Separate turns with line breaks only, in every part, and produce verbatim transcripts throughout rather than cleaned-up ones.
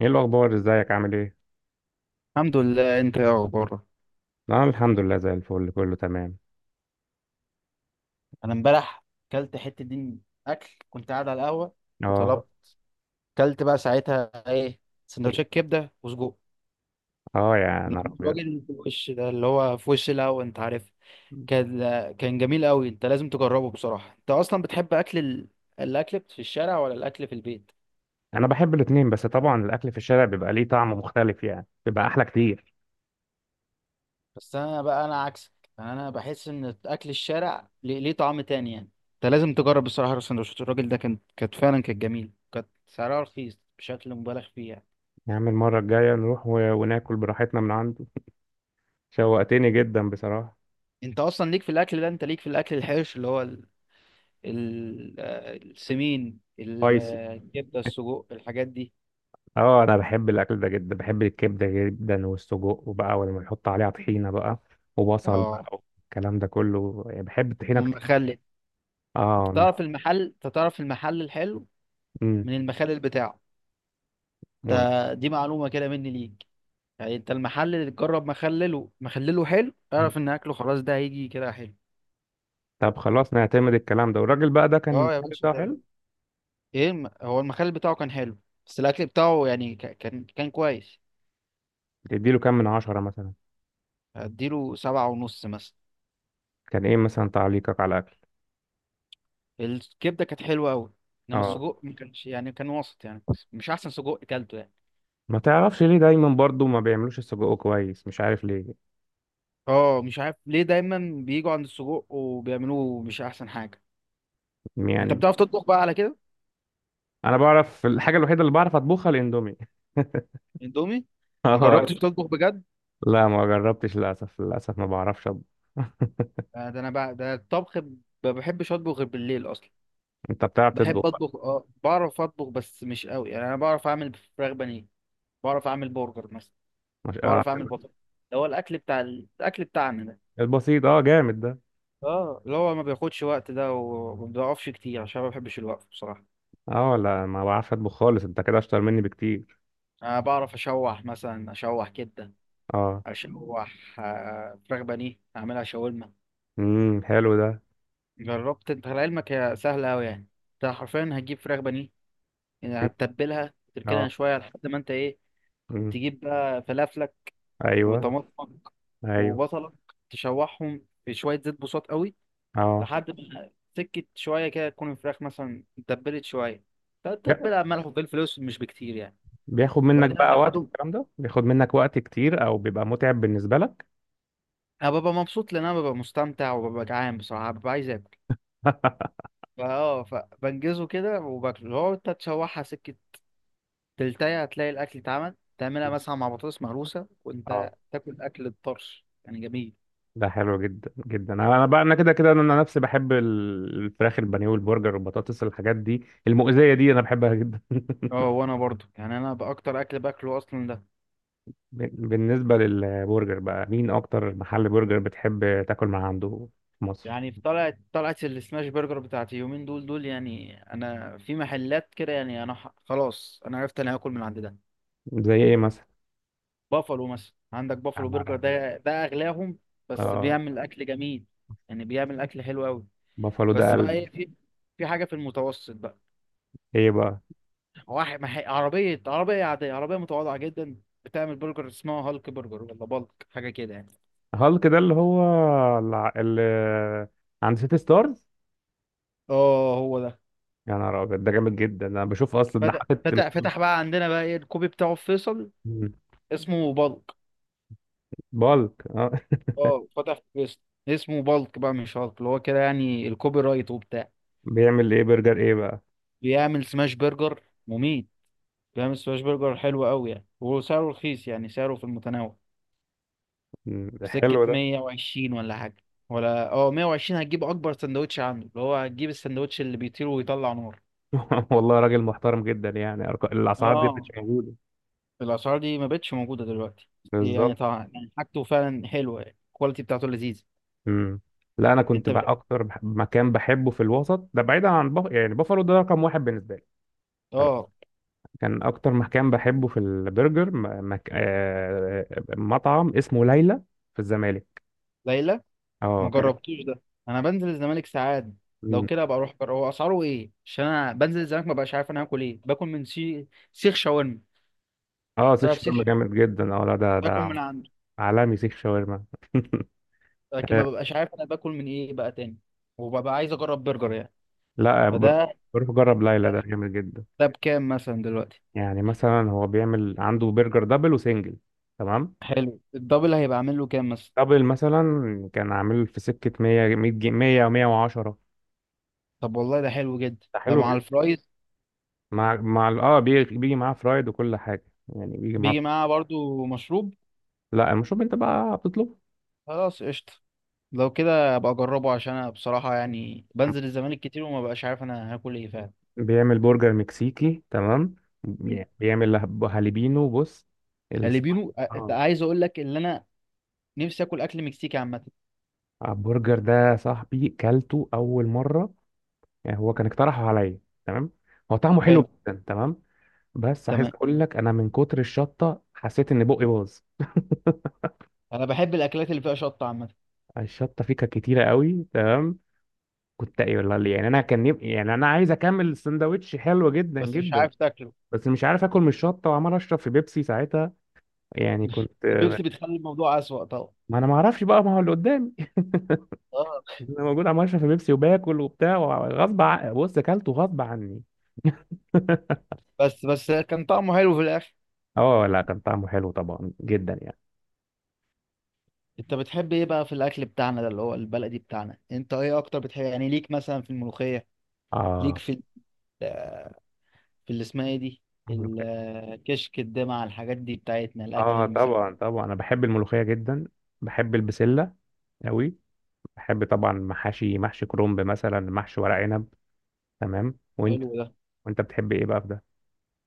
ايه الاخبار؟ ازيك؟ عامل ايه؟
الحمد لله، انت يا اخبارك؟
انا الحمد لله، زي الفل، كله تمام.
انا امبارح كلت حته دين اكل، كنت قاعد على القهوه
اه.
وطلبت. كلت بقى ساعتها ايه؟ سندوتشات كبده وسجق
اه، يا
من
نهار
الراجل
ابيض.
اللي في وش ده اللي هو في وش القهوه، انت عارف. كان كان جميل قوي. انت لازم تجربه بصراحه. انت اصلا بتحب اكل ال... الاكل في الشارع ولا الاكل في البيت؟
انا بحب الاتنين، بس طبعا الاكل في الشارع بيبقى ليه طعم مختلف، يعني بيبقى احلى كتير.
بس انا بقى انا عكسك. انا بحس ان اكل الشارع ليه ليه طعم تاني يعني. انت لازم تجرب بصراحه. السندوتشات الراجل ده كانت كانت فعلا كانت جميله، كانت سعرها رخيص بشكل مبالغ فيه يعني.
يا عم، المره الجايه نروح و... وناكل براحتنا من عنده. شوقتني جدا بصراحه.
انت اصلا ليك في الاكل ده، انت ليك في الاكل الحرش اللي هو ال... ال... آه، السمين ال-
سبايسي.
آه، الكبده، السجق، الحاجات دي.
اه، انا بحب الاكل ده جدا، بحب الكبده جدا والسجق، وبقى ولما يحط عليها طحينه بقى وبصل بقى
اه،
والكلام ده كله، يعني بحب الطحينه كتير.
والمخلل. انت
اه.
تعرف المحل، انت تعرف المحل الحلو
مم.
من المخلل بتاعه.
مم.
ده دي معلومه كده مني ليك. يعني انت المحل اللي تجرب مخلله مخلله حلو، اعرف ان اكله خلاص ده هيجي كده حلو.
طب خلاص، نعتمد الكلام ده، والراجل بقى ده كان
اه يا
المحل
باشا
بتاعه
كده.
حلو.
ايه الم- هو المخلل بتاعه كان حلو، بس الاكل بتاعه يعني ك- كان كان كويس.
تديله كام من عشرة مثلا؟
هديله سبعة ونص مثلا.
كان ايه مثلا تعليقك على الاكل؟
الكبده كانت حلوه قوي، انما
اه.
السجق ما كانش يعني كان وسط يعني، مش احسن سجق اكلته يعني.
ما تعرفش ليه دايما برضو ما بيعملوش السجق كويس؟ مش عارف ليه.
اه، مش عارف ليه دايما بيجوا عند السجق وبيعملوه مش احسن حاجه. انت
يعني.
بتعرف تطبخ بقى على كده.
انا بعرف الحاجة الوحيدة اللي بعرف اطبخها الاندومي.
اندومي. ما
اه.
جربتش تطبخ بجد.
لا، ما جربتش للاسف، للاسف ما بعرفش أطبخ.
آه، ده انا بقى ده الطبخ ب- ما بحبش اطبخ غير بالليل اصلا.
انت بتعرف تطبخ
بحب
بقى؟
اطبخ، اه، بعرف اطبخ بس مش قوي يعني. انا بعرف اعمل فراخ بانيه. بعرف اعمل برجر مثلا.
مش اه
بعرف اعمل
حلو.
بطاطا. ده هو الاكل بتاع الاكل بتاعنا ده.
البسيط اه جامد ده.
اه، اللي هو ما بياخدش وقت ده وما بيقفش كتير عشان ما بحبش الوقف بصراحة.
اه لا، ما بعرفش اطبخ خالص، انت كده اشطر مني بكتير.
انا بعرف اشوح مثلا، اشوح كده.
اه.
اشوح آه، فراخ بانيه اعملها شاورما.
امم حلو ده.
جربت انت لعلمك هي سهلة اوي يعني. انت حرفيا هتجيب فراخ بانيه يعني، هتتبلها تركنها
اه.
شوية لحد ما انت ايه.
امم
تجيب بقى فلافلك
ايوه.
وطماطمك
ايوه.
وبصلك. تشوحهم في شوية زيت بسيط قوي
اه.
لحد ما سكت شوية كده، تكون الفراخ مثلا اتبلت شوية. تتبلها ملح وفلفل اسود مش بكتير يعني.
بياخد منك
وبعدين
بقى وقت
هتاخدهم.
الكلام ده؟ بياخد منك وقت كتير او بيبقى متعب بالنسبه لك؟
انا ببقى مبسوط لان انا ببقى مستمتع وببقى جعان بصراحه، ببقى عايز اكل. فاه فبنجزه كده وباكله. لو انت تشوحها سكه تلتايه هتلاقي الاكل اتعمل. تعملها مثلا مع بطاطس مهروسه
اه.
وانت تاكل اكل الطرش يعني جميل.
ده حلو جدا جدا، انا أنا بقى انا كده كده انا نفسي بحب ال- الفراخ البانيه والبرجر والبطاطس، الحاجات دي المؤذيه دي انا بحبها جدا.
اه، وانا برضو يعني انا باكتر اكل باكله اصلا ده.
بال- بالنسبه للبرجر بقى، مين اكتر محل برجر بتحب تاكل من عنده في مصر؟
يعني في طلعت طلعت السماش برجر بتاعتي يومين دول دول يعني. انا في محلات كده يعني انا ح- خلاص انا عرفت انا هاكل من عند ده.
زي ايه مثلا؟
بافلو مثلا، عندك
يا
بافلو
نهار
برجر
أبيض.
ده ده اغلاهم، بس
اه.
بيعمل اكل جميل يعني، بيعمل اكل حلو قوي.
بافالو ده
بس بقى
قلب.
ايه، في في حاجه في المتوسط بقى.
ايه بقى؟
واحد مح... عربيه عربيه عاديه عربيه متواضعه جدا بتعمل برجر، اسمها هالك برجر ولا بالك حاجه كده يعني.
هالك ده اللي هو الع- اللي عند سيتي ستارز؟
اه هو ده.
يا نهار ابيض، ده جامد جدا، انا بشوف اصلا ده
فتح
حاطط.
فتح فتح بقى عندنا بقى ايه الكوبي بتاعه في فيصل.
مم.
اسمه بالك.
بالك، اه.
اه فتح في فيصل. اسمه بالك بقى، مش هالك، اللي هو كده يعني الكوبي رايت وبتاع.
بيعمل ايه؟ برجر ايه بقى؟
بيعمل سماش برجر مميت، جامد. سماش برجر حلو قوي يعني، وسعره رخيص يعني، سعره في المتناول.
مم. ده
سكة
حلو ده.
مية وعشرين ولا حاجة، ولا اه مية وعشرين هتجيب أكبر سندوتش عنده، اللي هو هتجيب السندوتش اللي بيطير ويطلع نار.
والله راجل محترم جدا، يعني أرق- الاسعار دي مش
اه،
موجوده.
الأسعار دي ما بقتش موجودة دلوقتي. دي يعني
بالظبط.
طبعا يعني حاجته فعلا حلوة يعني، الكواليتي بتاعته لذيذة.
مم. لا، انا كنت
أنت
بقى
بت...
اكتر بح- مكان بحبه في الوسط ده، بعيدا عن بف... يعني بافالو ده رقم واحد بالنسبه لي. تمام.
اه.
كان اكتر مكان بحبه في البرجر م... مك... آه... آه، مطعم اسمه ليلى في الزمالك.
ليلى.
اه،
ما
كان.
جربتوش ده. أنا بنزل الزمالك ساعات. لو
مم.
كده ابقى اروح جرب. هو اسعاره ايه؟ عشان انا بنزل الزمالك ما بقاش عارف انا هاكل ايه، باكل من سي... سيخ شاورما.
اه، سيخ
تعرف سيخ
شاورما
شاورما،
جامد جدا، اه لا ده
باكل من
ده
عنده.
عالمي سيخ شاورما.
لكن ما ببقاش عارف انا باكل من ايه بقى تاني، وببقى عايز اجرب برجر يعني.
لا بر-
فده.
بروح اجرب ليلى ده
ده,
جامد جدا.
ده بكام مثلا دلوقتي؟
يعني مثلا هو بيعمل عنده برجر دبل وسنجل. تمام.
حلو، الدبل هيبقى عامل له كام مثلا؟
دبل مثلا. كان عامل في سكة مية، مية جنيه، مية و110.
طب والله ده حلو جدا
ده
ده،
حلو
مع
جدا.
الفرايز.
مع مع ال- اه بي- بيجي معاه فرايد وكل حاجة، يعني بيجي معاه
بيجي
فرايد.
معاه برضو مشروب؟
لا، المشروب انت بقى بتطلبه.
خلاص قشطة. لو كده ابقى اجربه عشان انا بصراحة يعني بنزل الزمالك كتير وما بقاش عارف انا هاكل ايه فعلا.
بيعمل برجر مكسيكي، تمام. بي- بيعمل هب- هاليبينو بص ال...
هالبينو أ-
اه.
عايز اقول لك ان انا نفسي اكل اكل مكسيكي عامة.
البرجر ده يا صاحبي كلته اول مرة. يعني هو كان اقترحه عليا. تمام. هو طعمه حلو
حلو.
جدا، تمام. بس عايز
تمام.
اقول لك، انا من كتر الشطه حسيت ان بقي باظ.
انا بحب الاكلات اللي فيها شطة عامة.
الشطه فيه كانت كتيره قوي، تمام. كنت ايه والله ليه؟ يعني انا كان يب... يعني انا عايز اكمل السندوتش حلو جدا
بس مش
جدا.
عارف تاكله.
بس مش عارف اكل من الشطه وعمال اشرب في بيبسي ساعتها. يعني كنت.
البيبسي بتخلي الموضوع اسوأ.
ما انا ما اعرفش بقى، ما هو اللي قدامي.
اه.
انا موجود عمال اشرب في بيبسي وباكل وبتاع. غصب ع... بص، اكلته غصب عني.
بس بس كان طعمه حلو في الاخر.
اه لا، كان طعمه حلو طبعا جدا، يعني.
انت بتحب ايه بقى في الاكل بتاعنا ده، اللي هو البلدي بتاعنا؟ انت ايه اكتر بتحب يعني؟ ليك مثلا في الملوخيه، ليك
اه.
في ال- في اللي اسمها ايه دي، الكشك، الدمع، الحاجات دي بتاعتنا، الاكل
اه،
المسلي.
طبعا طبعا انا بحب الملوخيه جدا. بحب البسله قوي. بحب طبعا محاشي، محشي كرنب مثلا، محشي ورق عنب. تمام، وانت؟
حلو ده.
وانت بتحب ايه بقى في ده؟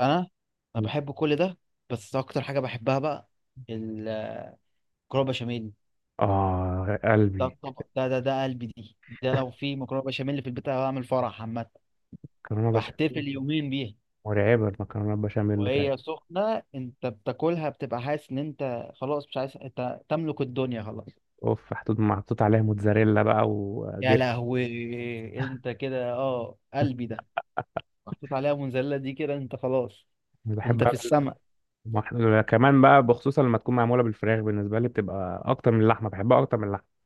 انا انا بحب كل ده، بس اكتر حاجه بحبها بقى المكرونه بشاميل.
اه،
ده
قلبي.
الطبق ده ده ده قلبي دي. ده لو في مكرونه بشاميل في البيت أنا بعمل فرح عامه.
مكرونه بشاميل.
بحتفل يومين بيها.
مرعبه المكرونه البشاميل اللي فات.
وهي سخنة انت بتاكلها بتبقى حاسس ان انت خلاص مش عايز، انت تملك الدنيا خلاص.
اوف، محطوط محطوط عليها موتزاريلا بقى
يا
وجبنه.
لهوي. انت كده اه قلبي ده، محطوط عليها منزلة دي كده انت خلاص،
أنا بحب
انت في السماء.
كمان بقى، بخصوصا لما تكون معموله بالفراخ، بالنسبه لي بتبقى اكتر من اللحمه، بحبها اكتر من اللحمه.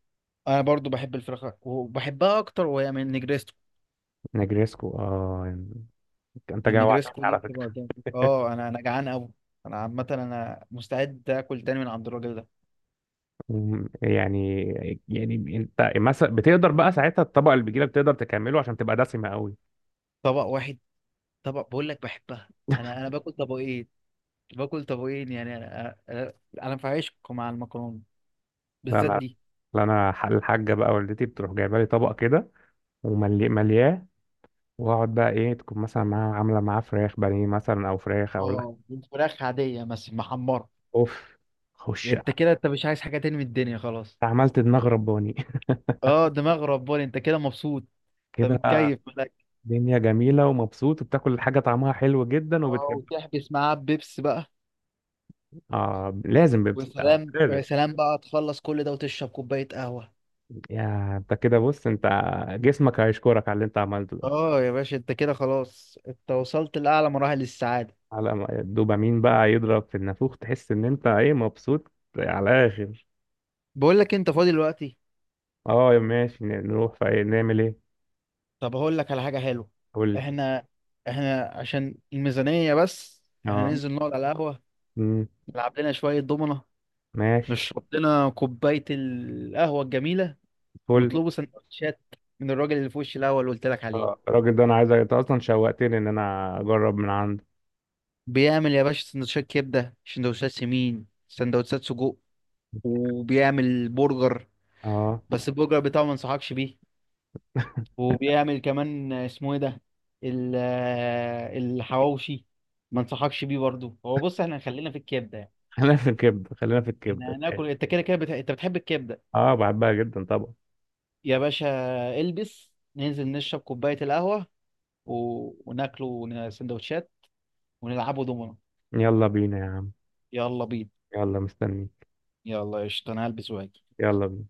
انا برضو بحب الفراخ وبحبها اكتر، وهي من النجريسكو.
نجريسكو، اه. انت جوعتني
النجريسكو دي
على
بتبقى
فكره.
جامد. اه انا انا جعان قوي. انا عامة انا مستعد اكل تاني من عند الراجل ده.
مم، يعني. يعني انت مثلا بتقدر بقى ساعتها الطبقه اللي بتجيلك بتقدر تكمله عشان تبقى دسمه قوي؟
طبق واحد، طبق بقول لك بحبها. انا انا باكل طبقين. باكل طبقين يعني انا انا أنا في عشق مع المكرونة
لا
بالذات
انا.
دي.
لا انا ح- الحاجه بقى والدتي بتروح جايبه لي طبق كده. وملياه. واقعد بقى، ايه تكون مثلا معاه، عامله معاه فراخ بانيه مثلا، او فراخ، او لحم.
اه، فراخ عادية بس محمرة.
اوف. خش.
يعني انت كده انت مش عايز حاجة تاني من الدنيا خلاص.
عملت دماغ رباني.
اه دماغ رباني، انت كده مبسوط. انت
كده بقى.
متكيف ملك.
دنيا جميله ومبسوط وبتاكل حاجه طعمها حلو جدا
اه،
وبتحب.
وتحبس معاه بيبس بقى.
اه، لازم بيبسط آه،
وسلام.
لازم.
ويا سلام بقى، تخلص كل ده وتشرب كوباية قهوة.
يا انت كده، بص انت. جسمك هيشكرك على اللي انت عملته ده.
اه يا باشا، انت كده خلاص انت وصلت لأعلى مراحل السعادة.
على ما الدوبامين بقى يضرب في النافوخ تحس ان انت ايه مبسوط. على الاخر.
بقول لك انت فاضي دلوقتي؟
اه، يا ماشي، ن- نروح في ايه؟ نعمل ايه؟
طب هقول لك على حاجة حلوة.
قول لي.
احنا احنا عشان الميزانية بس، احنا
اه.
ننزل نقعد على القهوة.
مم.
نلعب لنا شوية دومنة.
ماشي.
نشرب لنا كوباية القهوة الجميلة.
فل.
بيطلبوا سندوتشات من الراجل اللي في وشي الاول اللي قلت لك عليه.
آه، الراجل ده انا عايز أ- انت اصلا شوقتني ان انا اجرب من عنده.
بيعمل يا باشا سندوتشات كبده، سندوتشات سمين، سندوتشات سجق. وبيعمل برجر،
اه.
بس البرجر بتاعه ما انصحكش بيه. وبيعمل كمان اسمه ايه ده، ال- الحواوشي. ما انصحكش بيه برضه. هو بص، احنا خلينا في الكبده يعني.
خلينا في الكبده، خلينا في الكبده.
احنا هناكل انت كده كده بت... انت بتحب الكبده.
اه، بحبها جدا طبعا.
يا باشا، البس ننزل نشرب كوبايه القهوه و... وناكله سندوتشات ونلعبوا دومنا.
يلا بينا يا عم.
يلا بينا.
يلا، مستنيك.
يلا قشطة أنا هلبس وهاجي.
يلا بينا